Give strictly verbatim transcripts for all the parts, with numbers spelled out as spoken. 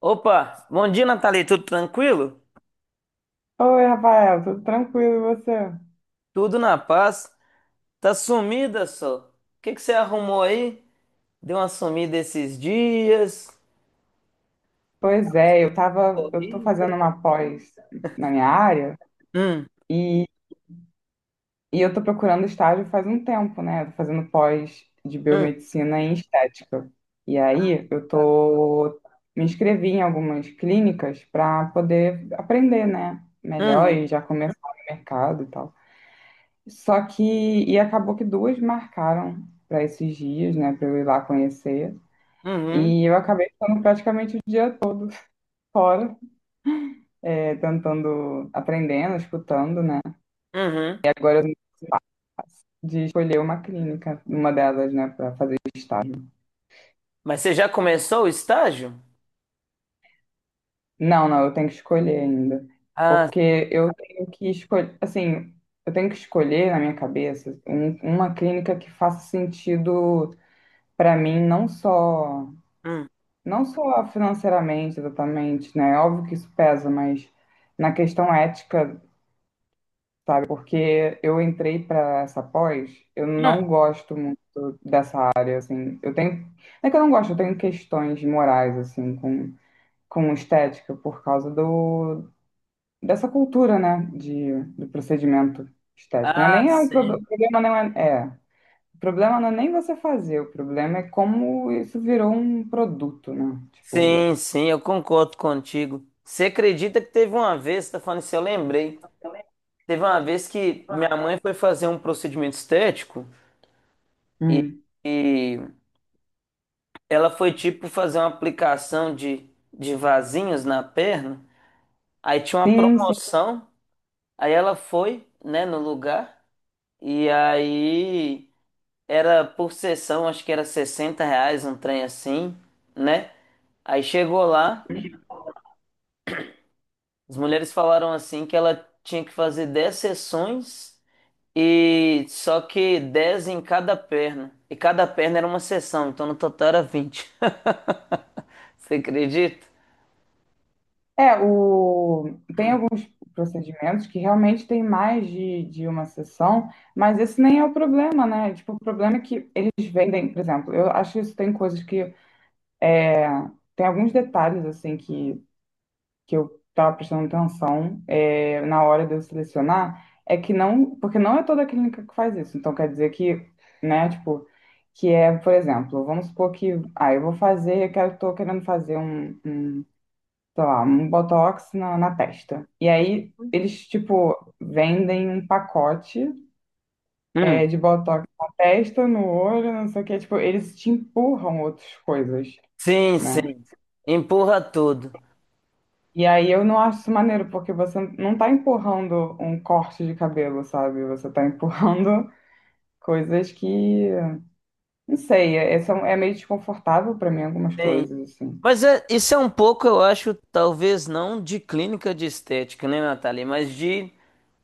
Opa, bom dia, Nathalie. Tudo tranquilo? Oi, Rafael, tudo tranquilo e você? Tudo na paz. Tá sumida só. O que que você arrumou aí? Deu uma sumida esses dias? Pois é, eu Ficou tava, eu tô rica? fazendo uma pós na minha área Hum, e, e eu tô procurando estágio faz um tempo, né? Eu tô fazendo pós de hum, biomedicina em estética. E aí eu tô me inscrevi em algumas clínicas para poder aprender, né, melhor uhum, e já começar no mercado e tal. Só que E acabou que duas marcaram para esses dias, né, para eu ir lá conhecer. uhum, E eu acabei ficando praticamente o dia todo fora. É, tentando, aprendendo, escutando, né? uhum. Agora de escolher uma clínica, uma delas, né, para fazer estágio. Mas você já começou o estágio? Não, não, eu tenho que escolher ainda, Ah, porque eu tenho que escolher, assim, eu tenho que escolher na minha cabeça um- uma clínica que faça sentido para mim, não só, hum, não só financeiramente, exatamente, né? É óbvio que isso pesa, mas na questão ética, sabe? Porque eu entrei para essa pós, eu não hum. gosto muito dessa, assim, eu tenho, não é que eu não gosto, eu tenho questões morais, assim, com, com estética, por causa do, dessa cultura, né, de, do procedimento estético. Não é Ah, nem é um prob- sim. O problema não é, é, o problema não é nem você fazer, o problema é como isso virou um produto, né, tipo. Sim, sim, eu concordo contigo. Você acredita que teve uma vez, tá falando isso, eu lembrei. Teve uma vez que minha mãe foi fazer um procedimento estético. E, Hum. e ela foi tipo fazer uma aplicação de, de vasinhos na perna. Aí tinha uma Sim, sim. promoção. Aí ela foi, né, no lugar. E aí era por sessão, acho que era sessenta reais um trem assim, né? Aí chegou lá, as mulheres falaram assim que ela tinha que fazer dez sessões e só que dez em cada perna. E cada perna era uma sessão, então no total era vinte. Você acredita? É, o, tem alguns procedimentos que realmente tem mais de, de uma sessão, mas esse nem é o problema, né, tipo, o problema é que eles vendem, por exemplo, eu acho que isso tem coisas que. Tem alguns detalhes assim que, que eu estava prestando atenção é, na hora de eu selecionar, é que não, porque não é toda clínica que faz isso. Então quer dizer que, né, tipo, que é, por exemplo, vamos supor que, ah, eu vou fazer, eu quero, tô querendo fazer um, um, sei lá, um botox na, na testa. E aí eles, tipo, vendem um pacote, é, Hum. de botox na testa, no olho, não sei o que tipo, eles te empurram outras coisas, Sim, né? sim. Empurra tudo. E aí eu não acho isso maneiro, porque você não tá empurrando um corte de cabelo, sabe? Você tá empurrando coisas que, não sei, é, são- é meio desconfortável pra mim algumas Sim. coisas, assim. Mas é- isso é um pouco, eu acho, talvez não de clínica de estética, né, Natália? Mas de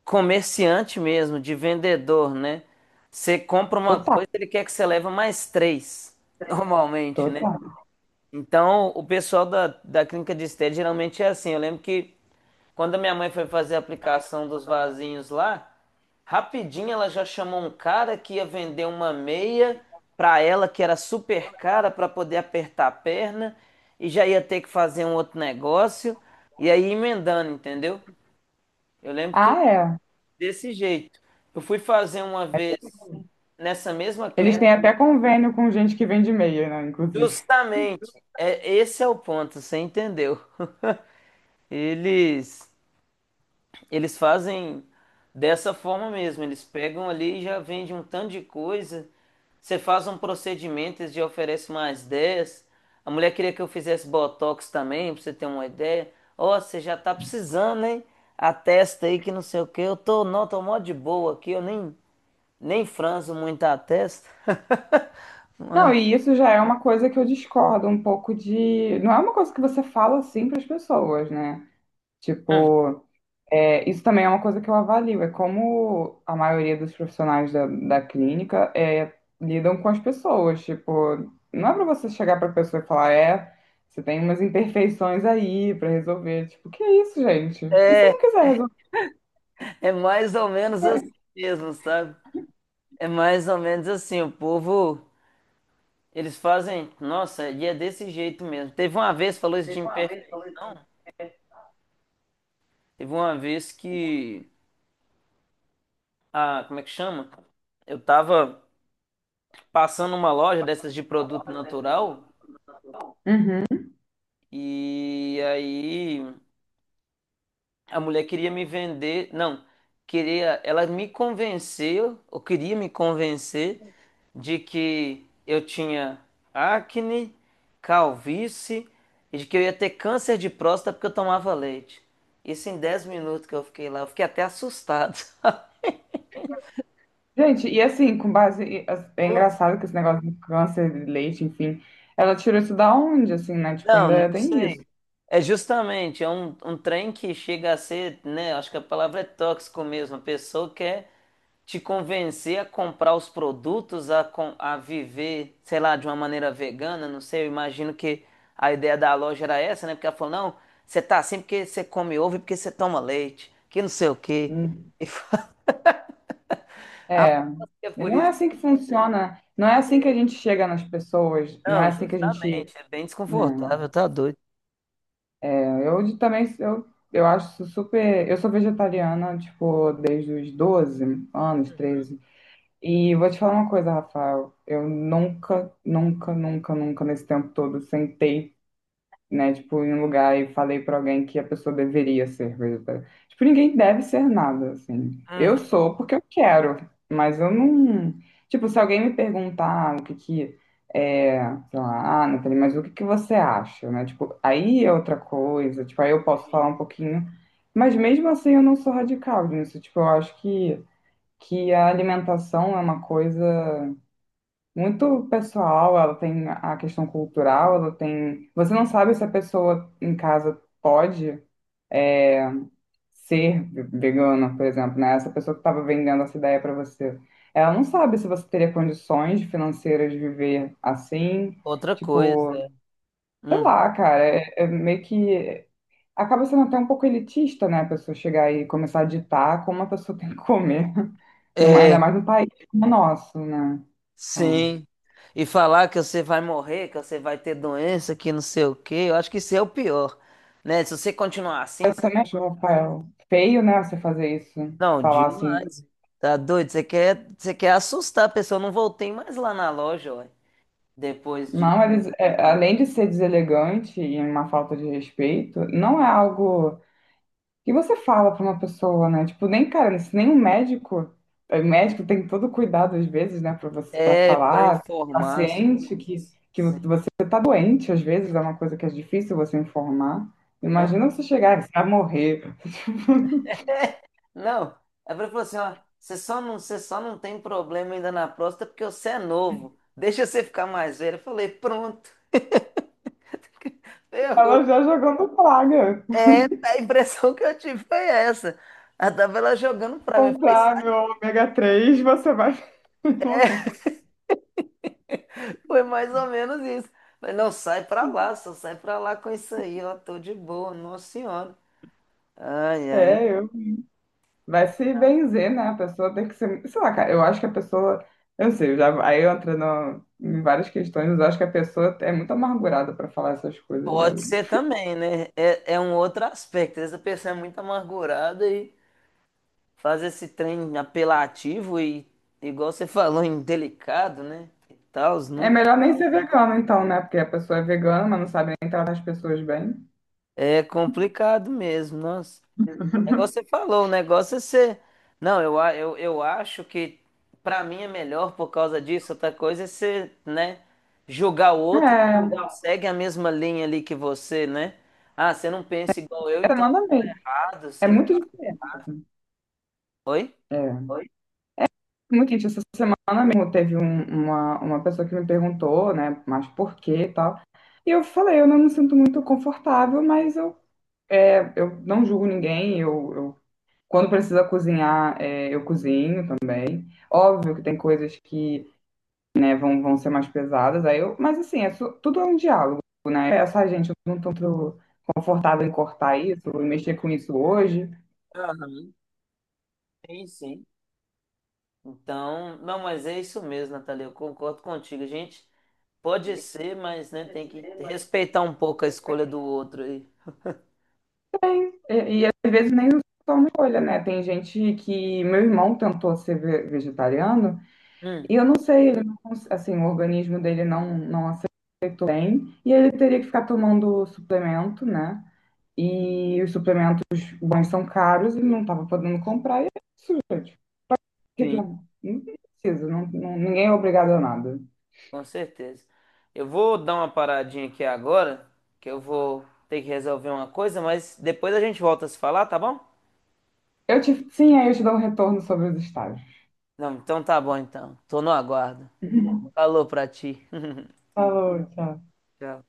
comerciante mesmo, de vendedor, né? Você compra uma Total, coisa, ele quer que você leva mais três, normalmente, né? total. Então, o pessoal da, da clínica de estética geralmente é assim. Eu lembro que. Quando a minha mãe foi fazer a aplicação dos vasinhos lá, rapidinho ela já chamou um cara que ia vender uma meia pra ela que era super cara pra poder apertar a perna e já ia ter que fazer um outro negócio e aí emendando, entendeu? Eu lembro que Ah, é. desse jeito. Eu fui fazer uma vez nessa mesma Eles clínica, têm até convênio com gente que vende meia, né, inclusive. justamente. É, esse é o ponto, você entendeu? Eles Eles fazem dessa forma mesmo. Eles pegam ali e já vendem um tanto de coisa. Você faz um procedimento, eles já oferecem mais dez. A mulher queria que eu fizesse botox também, pra você ter uma ideia. Ó, você já tá precisando, hein? A testa aí que não sei o que. Eu tô, não, tô mó de boa aqui. Eu nem, nem franzo muito a testa. Não, Mas e isso já é uma coisa que eu discordo um pouco de. Não é uma coisa que você fala assim para as pessoas, né? Tipo, é, isso também é uma coisa que eu avalio, é como a maioria dos profissionais da, da clínica é, lidam com as pessoas. Tipo, não é pra você chegar pra pessoa e falar, é, você tem umas imperfeições aí pra resolver. Tipo, que é isso, gente? E se é não quiser resolver, o é mais ou que menos faz? assim mesmo, sabe? É mais ou menos assim. O povo. Eles fazem, nossa, e é desse jeito mesmo. Teve uma vez, falou isso de imperfeição. Teve uma vez que, a, como é que chama? Eu tava passando uma loja dessas de produto natural Hum. e aí a mulher queria me vender, não, queria, ela me convenceu, ou queria me convencer de que eu tinha acne, calvície e de que eu ia ter câncer de próstata porque eu tomava leite. Isso em dez minutos que eu fiquei lá, eu fiquei até assustado. Gente, e assim, com base, e, as- é Nossa. engraçado que esse negócio de câncer de leite, enfim, ela tirou isso da onde, assim, né? Tipo, Não, ainda não tem isso. sei. É justamente, é um, um trem que chega a ser, né? Acho que a palavra é tóxico mesmo. A pessoa quer te convencer a comprar os produtos, a, com- a viver, sei lá, de uma maneira vegana, não sei, eu imagino que a ideia da loja era essa, né? Porque ela falou, não, você tá assim porque você come ovo e porque você toma leite, que não sei o quê. E É, é por não é isso assim que funciona, não é assim que que... a gente chega nas pessoas, não é Não, assim que a gente, justamente, é bem né? desconfortável, tá doido. É, Eu de- também, eu, eu acho super, eu sou vegetariana, tipo, desde os doze anos, treze. E vou te falar uma coisa, Rafael, eu nunca, nunca, nunca, nunca, nesse tempo todo, sentei, né? Tipo, em um lugar e falei pra alguém que a pessoa deveria ser vegetariana. Tipo, ninguém deve ser nada, assim. Eu Uhum. sou porque eu quero, mas eu não. Tipo, se alguém me perguntar o que que é, sei lá, ah, Nathalie, mas o que que você acha, né? Tipo, aí é outra coisa, tipo, aí eu posso falar um pouquinho, mas mesmo assim eu não sou radical nisso. Tipo, eu acho que, que a alimentação é uma coisa muito pessoal, ela tem a questão cultural, ela tem. Você não sabe se a pessoa em casa pode ser ve- vegana, por exemplo, né? Essa pessoa que estava vendendo essa ideia para você. Ela não sabe se você teria condições financeiras de viver assim. Outra coisa, Tipo, é. sei Uhum. lá, cara, é, é meio que. Acaba sendo até um pouco elitista, né? A pessoa chegar e começar a ditar como a pessoa tem que comer, numa- ainda É, mais num país como o nosso, né? sim. E falar que você vai morrer, que você vai ter doença, que não sei o quê, eu acho que isso é o pior, né? Se você continuar assim, Eu também acho, Rafael, feio, né, você fazer isso. não, Falar assim, demais. Tá doido? Você quer, você quer assustar a pessoa. Eu não voltei mais lá na loja, ué. Depois de. não, eles, é, além de ser deselegante e uma falta de respeito, não é algo que você fala pra uma pessoa, né? Tipo, nem, cara, se nem um médico, o médico tem todo cuidado às vezes, né, pra você, para É, pra falar, informar as paciente que, coisas. que Sim. você tá doente, às vezes é uma coisa que é difícil você informar. Imagina Ah. você chegar, você vai morrer, É. Não. A ele falou assim: ó, você só não, você só não tem problema ainda na próstata porque você é novo. Deixa você ficar mais velho. Eu falei: pronto. Ferrou. ela já jogando praga. É, a impressão que eu tive foi essa. Ela tava lá jogando pra mim. Eu falei: Comprar meu ômega três você vai morrer. Foi mais ou menos isso. Mas não, sai pra lá, só sai pra lá com isso aí, ó, tô de boa, nossa senhora. Ai, ai, não É, eu. Vai se benzer, né? A pessoa tem que ser. Sei lá, cara, eu acho que a pessoa. Eu não sei, eu já, aí eu entro no- em várias questões, mas eu acho que a pessoa é muito amargurada pra falar essas coisas, cara. pode ser também, né? É, é um outro aspecto. Essa pessoa é muito amargurada e faz esse trem apelativo e, igual você falou, indelicado, né? E tal, É não? melhor nem ser vegano, então, né? Porque a pessoa é vegana, mas não sabe nem tratar as pessoas bem. É complicado mesmo, nossa. É igual você falou, o negócio é ser. Não, eu, a- eu, eu acho que pra mim é melhor por causa disso, outra coisa é ser, né? Julgar o outro É, segue a mesma linha ali que você, né? Ah, você não pensa igual eu, é, então manda tá bem. errado, É você vai. muito diferente. Oi? É. Muito gente, essa. Ah, mesmo teve um- uma, uma pessoa que me perguntou, né, mas por quê e tal. E eu falei, eu não me sinto muito confortável, mas eu, é, eu não julgo ninguém, eu, eu- quando precisa cozinhar, é, eu cozinho também. Óbvio que tem coisas que, né, vão, vão ser mais pesadas, aí eu, mas assim, é, su- tudo é um diálogo, né? Essa gente, eu não tô muito confortável em cortar isso, em mexer com isso hoje. Aham, sim, sim. Então, não, mas é isso mesmo, Natalia, eu concordo contigo. A gente pode ser, mas né, tem que respeitar um pouco a escolha do outro aí. E, e às vezes nem só uma escolha, né? Tem gente que, meu irmão tentou ser ve- vegetariano. Hum, E eu não sei, ele não, cons- assim, o organismo dele não, não aceitou bem, e ele teria que ficar tomando suplemento, né? E os suplementos bons são caros e não estava podendo comprar, e é isso, gente. O que que- sim, Não precisa, não, não- ninguém é obrigado a nada. com certeza. Eu vou dar uma paradinha aqui agora, que eu vou ter que resolver uma coisa, mas depois a gente volta a se falar, tá bom? Eu te, sim, aí eu te dou um retorno sobre os estágios. Não, então tá bom então. Tô no aguardo. Falou pra ti. Falou, tchau. Tchau.